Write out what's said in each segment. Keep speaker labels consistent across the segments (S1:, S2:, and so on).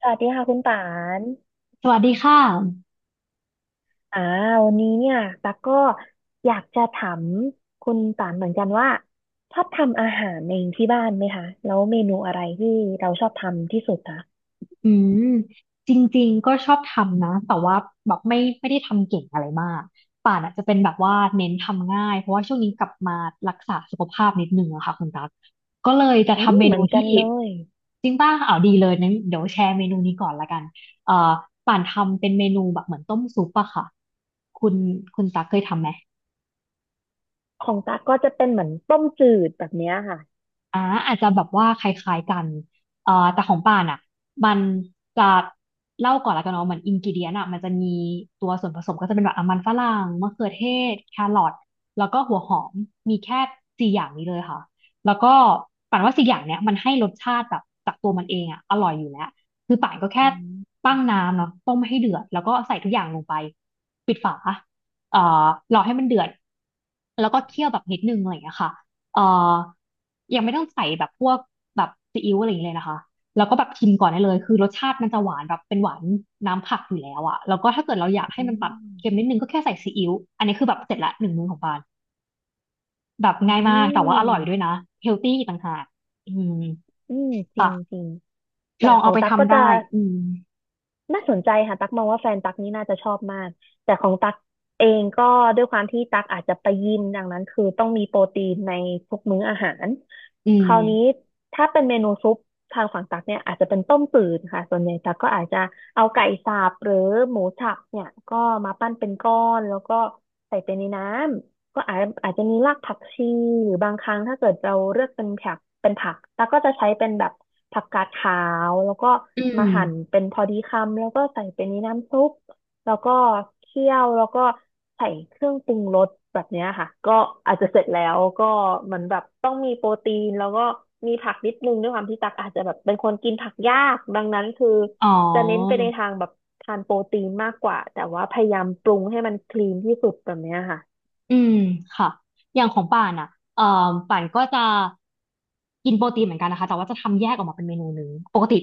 S1: สวัสดีค่ะคุณป่าน
S2: สวัสดีค่ะ
S1: อ่าวันนี้เนี่ยตั๊กก็อยากจะถามคุณป่านเหมือนกันว่าชอบทำอาหารเองที่บ้านไหมคะแล้วเมนูอะไรที่เราชอบทำที่สุดคะ
S2: อืมจริงๆ ก็ชอบทำนะ แต่ว่าแบบไม่ได้ทำเก่งอะไรมาก ป่านอ่ะจะเป็นแบบว่าเน้นทำง่าย เพราะว่าช่วงนี้กลับมารักษาสุขภาพนิดนึงอะค่ะคุณตั๊กก็เลยจะ
S1: อืม
S2: ทำเม
S1: เห
S2: นู
S1: มือนกั
S2: ที่
S1: นเลย
S2: จริงป่ะอ้าวดีเลยนั้นเดี๋ยวแชร์เมนูนี้ก่อนละกันเอ่อป่านทำเป็นเมนูแบบเหมือนต้มซุปอะค่ะ คุณคุณตั๊กเคยทำไหม
S1: ของตั๊กก็จะเป็นเหมือนต้มจืดแบบเนี้ยค่ะ
S2: อ่าอาจจะแบบว่าคล้ายๆกันแต่ของป่านอ่ะมันจะเล่าก่อนละกันเนาะเหมือนอินกิเดียนอ่ะมันจะมีตัวส่วนผสมก็จะเป็นแบบอ่ะมันฝรั่งมะเขือเทศแครอทแล้วก็หัวหอมมีแค่สี่อย่างนี้เลยค่ะแล้วก็ป่านว่าสี่อย่างเนี้ยมันให้รสชาติแบบจากตัวมันเองอ่ะอร่อยอยู่แล้วคือป่านก็แค่
S1: อืม
S2: ตั้งน้ำเนาะต้มให้เดือดแล้วก็ใส่ทุกอย่างลงไปปิดฝาเอ่อรอให้มันเดือดแล้วก็เคี่ยวแบบนิดนึงอะไรอย่างเงี้ยค่ะ เอ่อยังไม่ต้องใส่แบบพวกแบบซีอิ๊วอะไรอย่างเงี้ยเลยนะคะ แล้วก็แบบชิมก่อนได้เลยคือรสชาติมันจะหวานแบบเป็นหวานน้ำผักอยู่แล้วอะแล้วก็ถ้าเกิดเราอยากให้
S1: อื
S2: มันตัดเค็ม
S1: ม
S2: นิดนึงก็แค่ใส่ซีอิ๊วอันนี้คือแบบเสร็จละหนึ่งมื้อของปานแบบ
S1: อื
S2: ง่ายมาก แต่ว่าอร่อยด้ว
S1: ม
S2: ยนะเฮลตี้ต่างหากอืม
S1: อืมจริงจ
S2: ค่ะ
S1: ริงแต่
S2: ลอง
S1: ข
S2: เอา
S1: อง
S2: ไป
S1: ตั๊กก็
S2: ทำ
S1: จะ
S2: ได้ อืม
S1: น่าสนใจค่ะตักมองว่าแฟนตักนี่น่าจะชอบมากแต่ของตักเองก็ด้วยความที่ตักอาจจะไปยิมดังนั้นคือต้องมีโปรตีนในทุกมื้ออาหาร
S2: อื
S1: คราวนี้
S2: ม
S1: ถ้าเป็นเมนูซุปทางฝั่งตักเนี่ยอาจจะเป็นต้มจืดค่ะส่วนใหญ่ตักก็อาจจะเอาไก่สับหรือหมูสับเนี่ยก็มาปั้นเป็นก้อนแล้วก็ใส่ไปในน้ำ ก็อาจจะมีรากผักชีหรือบางครั้งถ้าเกิดเราเลือกเป็นผักแล้วก็จะใช้เป็นแบบผักกาดขาวแล้วก็
S2: อืม
S1: มาหั่นเป็นพอดีคำแล้วก็ใส่ไปนในน้ำซุปแล้วก็เคี่ยวแล้วก็ใส่เครื่องปรุงรสแบบเนี้ยค่ะก็อาจจะเสร็จแล้วก็เหมือนแบบต้องมีโปรตีนแล้วก็มีผักนิดนึงด้วยความที่ตักอาจจะแบบเป็นคนกินผักยากดังนั้นคือ
S2: อ๋อ
S1: จะเน้นไปในทางแบบทานโปรตีนมากกว่าแต่ว่าพยายามปรุงให้มันคลีนที่สุดแบบเนี้ยค่ะ
S2: อืมค่ะอย่างของป่านอ่ะเอ่อป่านก็จะกินโปรตีนเหมือนกันนะคะแต่ว่าจะทำแยกออกมาเป็นเมนูหนึ่งปกติ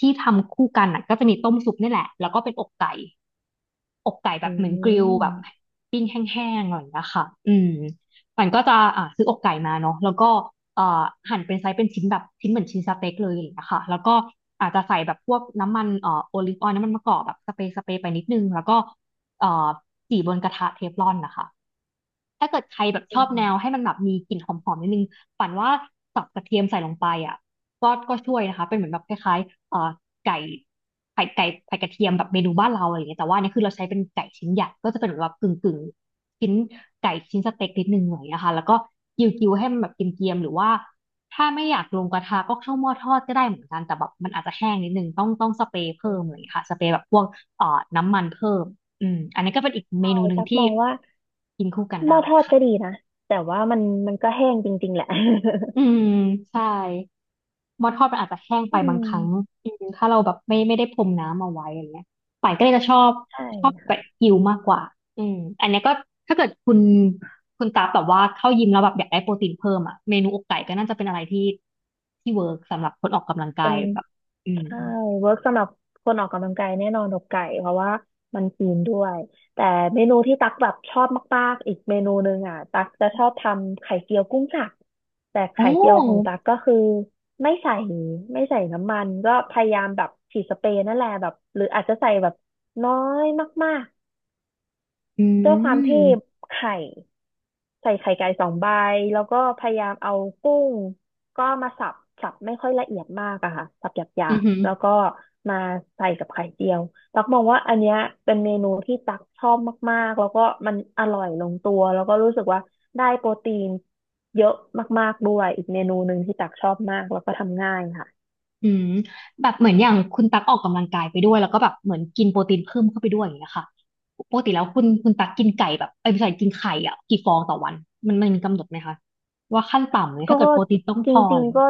S2: ที่ทำคู่กันน่ะก็จะมีต้มซุปนี่แหละแล้วก็เป็นอกไก่แบ
S1: อื
S2: บเหมือนกริล
S1: ม
S2: แบบปิ้งแห้งๆอะไรอยีค่ะอืมมันก็จะอ่าซื้ออกไก่มาเนาะแล้วก็เอ่อหั่นเป็นไซส์เป็นชิ้นแบบชิ้นเหมือนชิ้นสเต็กเลยอะไรอย่างเงี้ยค่ะแล้วก็อาจจะใส่แบบพวกน้ำมันโอลิฟออยล์น้ำมันมะกอกแบบสเปรย์ไปนิดนึงแล้วก็เอ่อจี่บนกระทะเทฟลอนนะคะ ถ้าเกิดใครแบบช
S1: อื
S2: อบแนว
S1: ม
S2: ให้มันแบบมีกลิ่นหอมๆนิดนึงฝันว่าสับกระเทียมใส่ลงไปอ่ะก็ช่วยนะคะเป็นเหมือนแบบคล้ายๆไก่ไข่ไก่ไข่กระเทียมแบบเมนูบ้านเราอะไรอย่างเงี้ยแต่ว่าอันนี่คือเราใช้เป็นไก่ชิ้นใหญ่ก็จะเป็นแบบากึ่งชิ้นไก่ชิ้นสเต็กนิดนึงหน่อยนะคะแล้วก็กิ้วกิ้วให้มันแบบเกรียมๆหรือว่าถ้าไม่อยากลงกระทะก็เข้าหม้อทอดก็ได้เหมือนกันแต่แบบมันอาจจะแห้งนิดนึงต้องสเปรย์
S1: อื
S2: เพิ่ม
S1: ม
S2: อะไรอย่างเลยค่ะสเปรย์แบบพวกน้ำมันเพิ่ม อืมอันนี้ก็เป็นอีกเม
S1: ใช่
S2: นูหนึ่ง
S1: ตักม
S2: ที่
S1: องว่า
S2: กินคู่กัน
S1: หม้อ
S2: ได้
S1: ทอด
S2: ค่ะ
S1: ก็ดีนะแต่ว่ามันมันก็แห้งจริงๆแหละ
S2: อืมใช่หม้อทอดมันอาจจะแห้ง ไป
S1: อื
S2: บาง
S1: ม
S2: ครั้งอืมถ้าเราแบบไม่ได้พรมน้ำเอาไว้อะไรเงี้ยป่ายก็เลยจะชอบ
S1: ใช
S2: ชอบแบ
S1: ่
S2: บกิวมากกว่าอืมอันเนี้ยก็ถ้าเกิดคุณตาแบบว่าเข้ายิมแล้วแบบอยากได้โปรตีนเพิ่มอ่ะเมนูอกไก่ก็น่าจะเป็นอะไรที่ที่เวิร์กสำหรับคนออกกำลังกา
S1: เป็
S2: ย
S1: น
S2: แบบอืม
S1: ใช่เวิร์กสำหรับคนออกกำลังกายแน่นอนอกไก่เพราะว่ามันคลีนด้วยแต่เมนูที่ตักแบบชอบมากๆอีกเมนูหนึ่งอ่ะตักจะชอบทำไข่เจียวกุ้งสับแต่
S2: โอ้
S1: ไข่เจียวของตักก็คือไม่ใส่ไม่ใส่น้ำมันก็พยายามแบบฉีดสเปรย์นั่นแหละแบบหรืออาจจะใส่แบบน้อยมาก
S2: อื
S1: ด้วยความที่
S2: ม
S1: ไข่ใส่ไข่ไก่สองใบแล้วก็พยายามเอากุ้งก็มาสับสับไม่ค่อยละเอียดมากอะค่ะสับหยา
S2: อือ
S1: บ
S2: หือ
S1: ๆแล้วก็มาใส่กับไข่เจียวตักมองว่าอันเนี้ยเป็นเมนูที่ตักชอบมากๆแล้วก็มันอร่อยลงตัวแล้วก็รู้สึกว่าได้โปรตีนเยอะมากๆด้วยอีกเมนูหนึ่งที่ตักชอบมากแล้วก็ทำง่ายค่ะ
S2: อืมแบบเหมือนอย่างคุณตักออกกำลังกายไปด้วยแล้วก็แบบเหมือนกินโปรตีนเพิ่มเข้าไปด้วยอย่างเงี้ยค่ะปกติแล้วคุณตักกินไก่แบบไอ้ยไม่ใช่กินไข่อ่ะกี่ฟองต่อวันมันมีกำหนดไหมคะว่าขั้นต่ำเลยถ้า
S1: ก็
S2: เกิดโปรตีนต้อง
S1: จ
S2: พ
S1: ร
S2: ออะ
S1: ิ
S2: ไร
S1: ง
S2: อย่าง
S1: ๆ
S2: เงี้
S1: ก็
S2: ย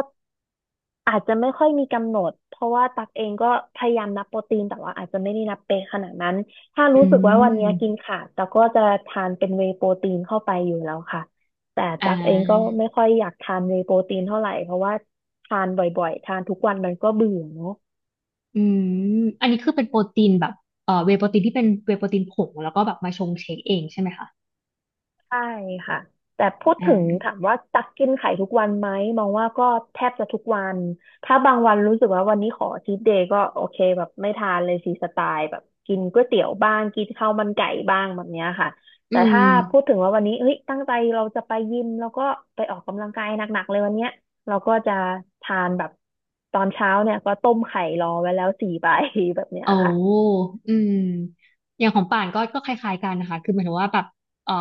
S1: อาจจะไม่ค่อยมีกำหนดเพราะว่าตักเองก็พยายามนับโปรตีนแต่ว่าอาจจะไม่ได้นับเป๊ะขนาดนั้นถ้า
S2: อื
S1: รู้สึกว่าวันนี้กิน
S2: ม
S1: ขาดตักก็จะทานเป็นเวย์โปรตีนเข้าไปอยู่แล้วค่ะแต่
S2: อ่า
S1: ตักเองก็ไม่ค่อยอยากทานเวย์โปรตีนเท่าไหร่เพราะว่าทานบ่อยๆทานทุกวันมันก็เบื่อเนาะ
S2: อืมอันนี้คือเป็นโปรตีนแบบเวย์โปรตีนที่เป็นเวย์โปรตีนผงแล้วก็แบบมาชงเชคเองใช่ไหมคะ
S1: ใช่ค่ะแต่พูด
S2: อ่
S1: ถึง
S2: า
S1: ถามว่าตักกินไข่ทุกวันไหมมองว่าก็แทบจะทุกวันถ้าบางวันรู้สึกว่าวันนี้ขอชีทเดย์ก็โอเคแบบไม่ทานเลยฟรีสไตล์แบบกินก๋วยเตี๋ยวบ้างกินข้าวมันไก่บ้างแบบเนี้ยค่ะ
S2: อื
S1: แต่ถ้าพูด
S2: ม
S1: ถึงว่าวันนี้เฮ้ยตั้งใจเราจะไปยิมแล้วก็ไปออกกำลังกายหนักๆเลยวันเนี้ยเราก็จะทานแบบตอนเช้าเนี่ยก็ต้มไข่รอไว้แล้วสี่ใบ แบบเนี้ย
S2: โอ้
S1: ค่ะ
S2: อืมอย่างของป่านก็คล้ายๆกันนะคะคือหมายถึงว่าแบบเอ่อ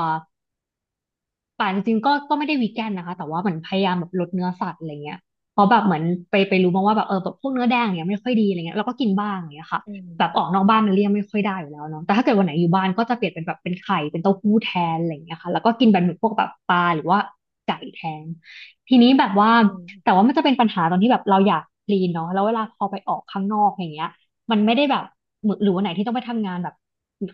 S2: ป่านจริงๆก็ไม่ได้วีแกนนะคะแต่ว่าเหมือนพยายามแบบลดเนื้อสัตว์อะไรเงี้ยเพราะแบบเหมือนไปรู้มาว่าแบบแบบพวกเนื้อแดงเนี่ยไม่ค่อยดีอะไรเงี้ยเราก็กินบ้างอย่างเงี้ยค่ะ
S1: อื
S2: แบบออกนอก
S1: ม
S2: บ้านเนี่ยเลี่ยงไม่ค่อยได้อยู่แล้วเนาะแต่ถ้าเกิดวันไหนอยู่บ้านก็จะเปลี่ยนเป็นแบบเป็นไข่เป็นเต้าหู้แทนอะไรเงี้ยค่ะแล้วก็กินแบบเหมือนพวกแบบปลาหรือว่าไก่แทนทีนี้แบบว่า
S1: อืม
S2: แต่ว่ามันจะเป็นปัญหาตอนที่แบบเราอยากคลีนเนาะแล้วเวลาพอไปออกข้างนอกอย่างเงี้ย มันไม่ได้แบบเหมือนหรือวันไหนที่ต้องไปทำงานแบบ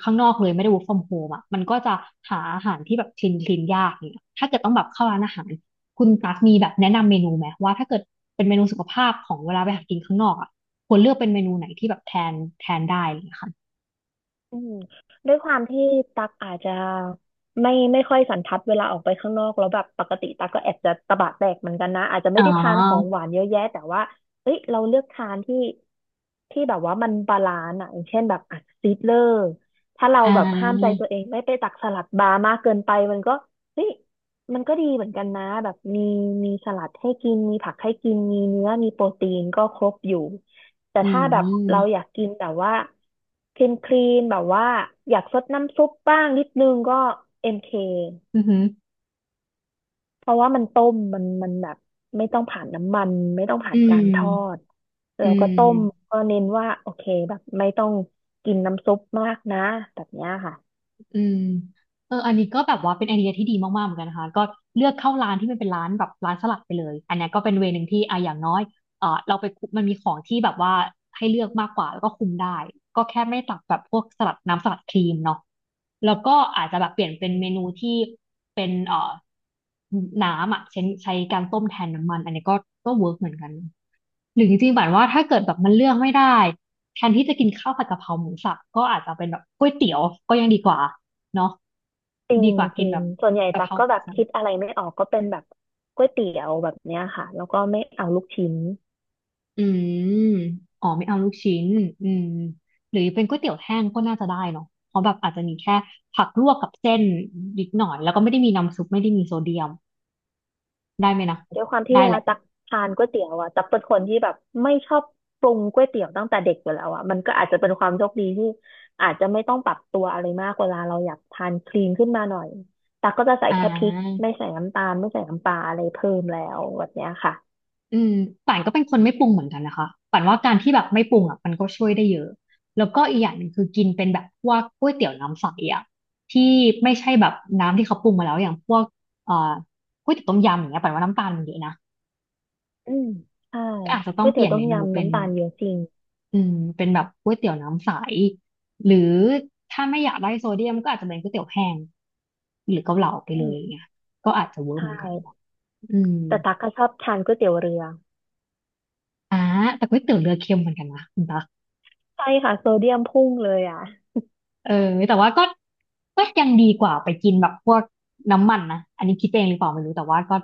S2: ข้างนอกเลยไม่ได้ work from home อ่ะมันก็จะหาอาหารที่แบบคลีนคลีนยากเนี่ยถ้าเกิดต้องแบบเข้าร้านอาหารคุณตั๊กมีแบบแนะนำเมนูไหมว่าถ้าเกิดเป็นเมนูสุขภาพของเวลาไปหากินข้างนอกอ่ะควรเลือกเป็นเมนูไหนที่แบบแทนแทนได้อะไรอย่างเลยค่ะ
S1: อืมด้วยความที่ตักอาจจะไม่ค่อยสันทัดเวลาออกไปข้างนอกแล้วแบบปกติตักก็แอบจะตะบะแตกเหมือนกันนะอาจจะ
S2: อ๋
S1: ไม่
S2: อ
S1: ได้ทานของหวานเยอะแยะแต่ว่าเอ้ยเราเลือกทานที่ที่แบบว่ามันบาลานซ์อ่ะอย่างเช่นแบบอ่ะซีดเลอร์ถ้าเรา
S2: อ่
S1: แบบห้ามใจ
S2: า
S1: ตัวเองไม่ไปตักสลัดบาร์มากเกินไปมันก็เฮ้ยมันก็ดีเหมือนกันนะแบบมีสลัดให้กินมีผักให้กินมีเนื้อมีโปรตีนก็ครบอยู่ แต่
S2: อื
S1: ถ้าแบบเรา
S2: ม
S1: อยากกินแบบว่าคลีนคลีนแบบว่าอยากซดน้ำซุปบ้างนิดนึงก็เอ็มเค
S2: อืมอหือ
S1: เพราะว่ามันต้มมันมันแบบไม่ต้องผ่านน้ำมันไม่ต้องผ่า
S2: อื
S1: นการทอด
S2: มอื
S1: แราก็ต้ม
S2: ม
S1: ก็เน้นว่าโอเคแบบไม่ต้องกินน้ำซุปมากนะแบบเนี้ยค่ะ
S2: อืมเอออันนี้ก็แบบว่าเป็นไอเดียที่ดีมากๆเหมือนกันนะคะก็เลือกเข้าร้านที่มันเป็นร้านแบบร้านสลัดไปเลยอันเนี้ยก็เป็นเวย์หนึ่งที่อ่ะอย่างน้อยเออเราไปคุมันมีของที่แบบว่าให้เลือกมากกว่าแล้วก็คุมได้ ก็แค่ไม่ตักแบบพวกสลัดน้ำสลัดครีมเนาะแล้วก็อาจจะแบบเปลี่ยนเป็น
S1: อื
S2: เมนู
S1: ม
S2: ที่เป็นน้ำอ่ะใช้การต้มแทนน้ำมันอันนี้ก็เวิร์กเหมือนกันหรือจริงๆแบบว่าถ้าเกิดแบบมันเลือกไม่ได้แทนที่จะกินข้าวผัดกะเพราหมูสับก็อาจจะเป็นแบบก๋วยเตี๋ยวก็ยังดีกว่า เนาะ
S1: จริง
S2: ดีกว่า
S1: จ
S2: กิน
S1: ริ
S2: แบ
S1: ง
S2: บ
S1: ส่วนใหญ่
S2: กะ
S1: ตั
S2: เพ
S1: ก
S2: รา
S1: ก็
S2: หมู
S1: แบบ
S2: สับ
S1: คิดอะไรไม่ออกก็เป็นแบบก๋วยเตี๋ยวแบบเนี้ยค่ะแล้วก็ไม่เอาลูกชิ้น
S2: อืมอ๋อไม่เอาลูกชิ้นอืมหรือเป็นก๋วยเตี๋ยวแห้งก็น่าจะได้เนาะเพราะแบบอาจจะมีแค่ผักลวกกับเส้นนิดหน่อยแล้วก็ไม่ได้มีน้ำซุปไม่ได้มีโซเดียมได้ไหมนะ
S1: ด้วยความที่
S2: ได้
S1: เว
S2: แห
S1: ลา
S2: ละ
S1: ตักทานก๋วยเตี๋ยวอ่ะตักเป็นคนที่แบบไม่ชอบปรุงก๋วยเตี๋ยวตั้งแต่เด็กอยู่แล้วอ่ะมันก็อาจจะเป็นความโชคดีที่อาจจะไม่ต้องปรับตัวอะไรมากเวลาเราอยากทานคลีนขึ้นมาหน่อยตักก็จะใส่
S2: อ่
S1: แค่พริก
S2: า
S1: ไม่ใส่น้ำตาลไม่ใส่น้ำปลาอะไรเพิ่มแล้วแบบเนี้ยค่ะ
S2: อืมป่านก็เป็นคนไม่ปรุงเหมือนกันนะคะป่านว่าการที่แบบไม่ปรุงอ่ะมันก็ช่วยได้เยอะแล้วก็อีกอย่างหนึ่งคือกินเป็นแบบพวกก๋วยเตี๋ยวน้ำใสอ่ะที่ไม่ใช่แบบน้ำที่เขาปรุงมาแล้วอย่างพวกเอ่อก๋วยเตี๋ยวต้มยำอย่างเงี้ยป่านว่าน้ำตาลมันเยอะนะ
S1: อืมใช่
S2: ก็อาจจะต้อ
S1: ก๋
S2: ง
S1: วย
S2: เป
S1: เตี๋ย
S2: ลี่ย
S1: ว
S2: น
S1: ต้
S2: เม
S1: ม
S2: นู
S1: ยำ
S2: เป็น
S1: น้ำตาลเยอะจริง
S2: อืมเป็นแบบก๋วยเตี๋ยวน้ำใสหรือถ้าไม่อยากได้โซเดียมก็อาจจะเป็นก๋วยเตี๋ยวแห้งหรือเกาเหลาไป
S1: อื
S2: เลยอย่าง
S1: ม
S2: เงี้ยก็อาจจะเวิร์ก
S1: ใช่
S2: เหมือนกันเนอะอืม
S1: แต่ตักก็ชอบทานก๋วยเตี๋ยวเรือ
S2: อ่าแต่ก๋วยเตี๋ยวเรือเค็มเหมือนกันนะคุณตา
S1: ใช่ค่ะโซเดียมพุ่งเลยอ่ะ
S2: เออแต่ว่าก็ยังดีกว่าไปกินแบบพวกน้ำมันนะอันนี้คิดเองหรือเปล่าไม่รู้แต่ว่าก็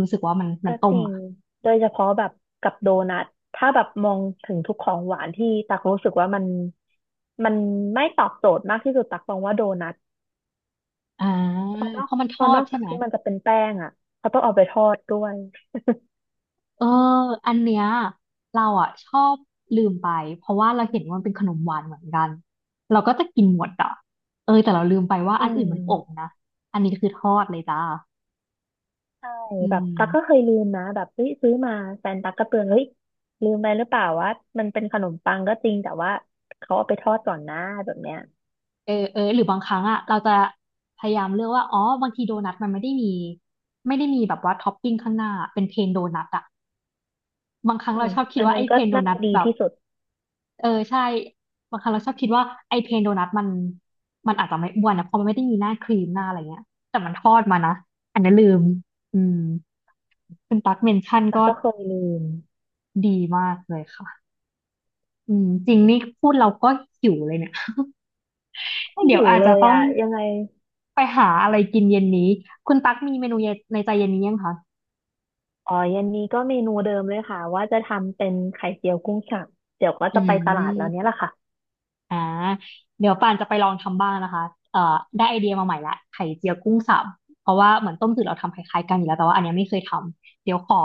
S2: รู้สึกว่ามัน
S1: ก็
S2: ต้
S1: จ
S2: ม
S1: ริง
S2: อ่ะ
S1: โดยเฉพาะแบบกับโดนัทถ้าแบบมองถึงทุกของหวานที่ตักรู้สึกว่ามันมันไม่ตอบโจทย์มากที่สุดตักมองว่าโดนัท
S2: อ่า
S1: เพราะนอ
S2: เพ
S1: ก
S2: ราะมันท
S1: เพ
S2: อ
S1: ราะน
S2: ด
S1: อก
S2: ใช่
S1: จาก
S2: ไหม
S1: ที่มันจะเป็นแป้งอ่ะเขาต้องเอาไปทอดด้วย
S2: เอออันเนี้ยเราอ่ะชอบลืมไปเพราะว่าเราเห็นว่ามันเป็นขนมหวานเหมือนกันเราก็จะกินหมดอ่ะเออแต่เราลืมไปว่า
S1: อื
S2: อันอื่น
S1: ม
S2: มันอบนะอันนี้คือทอดเลยจ้า
S1: ใช่
S2: อื
S1: แบบตักก็เค
S2: ม
S1: ยลืมนะแบบเฮ้ยซื้อมาแฟนตักก็เตือนเฮ้ยลืมไปหรือเปล่าว่ามันเป็นขนมปังก็จริงแต่ว่าเขาเอาไปทอดก่อนนะแบบเนี้ย
S2: เออเออหรือบางครั้งอ่ะเราจะพยายามเลือกว่าอ๋อบางทีโดนัทมันไม่ได้มีแบบว่าท็อปปิ้งข้างหน้าเป็นเพนโดนัทอ่ะบางครั้ง
S1: อื
S2: เรา
S1: ม
S2: ชอบคิด
S1: อัน
S2: ว่า
S1: นั้
S2: ไอ้
S1: น
S2: เพ
S1: ก็
S2: นโด
S1: น่า
S2: นั
S1: จะ
S2: ท
S1: ดี
S2: แบบ
S1: ที่สุด
S2: เออใช่บางครั้งเราชอบคิดว่าไอ้เพนโดนัทมันอาจจะไม่อ้วนนะเพราะมันไม่ได้มีหน้าครีมหน้าอะไรเงี้ยแต่มันทอดมานะอันนั้นลืมอืมคุณตั๊กเมนชั่น
S1: แต่
S2: ก็
S1: ก็เคยลืม
S2: ดีมากเลยค่ะอืมจริงนี่พูดเราก็หิวเลยเนี่ย
S1: ไม่
S2: เดี๋ย
S1: หิ
S2: ว
S1: ว
S2: อาจ
S1: เล
S2: จะ
S1: ย
S2: ต้อง
S1: อ่ะยังไง
S2: ไปหาอะไรกินเย็นนี้คุณตั๊กมีเมนูเย็นในใจเย็นนี้ยังคะ
S1: อ๋อเย็นนี้ก็เมนูเดิมเลยค่ะว่าจะทำเป็นไข่เจียวกุ้งสับเดี๋ยวก็
S2: อื
S1: จะไปตลาดแล้วเนี้ยแห
S2: ม
S1: ละค่ะ
S2: อ่าเดี๋ยวป่านจะไปลองทำบ้างนะคะเอ่อได้ไอเดียมาใหม่ละไข่เจียวกุ้งสับเพราะว่าเหมือนต้มจืดเราทำคล้ายๆกันอยู่แล้วแต่ว่าอันเนี้ยไม่เคยทำเดี๋ยวขอ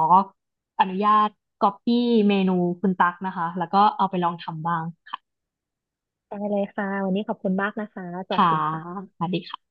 S2: อนุญาตก๊อปปี้เมนูคุณตั๊กนะคะแล้วก็เอาไปลองทำบ้าง
S1: ได้เลยค่ะ วันนี้ขอบคุณมากนะคะ สวัส
S2: ค่ะ
S1: ดีค่ะ
S2: สวัสดีค่ะ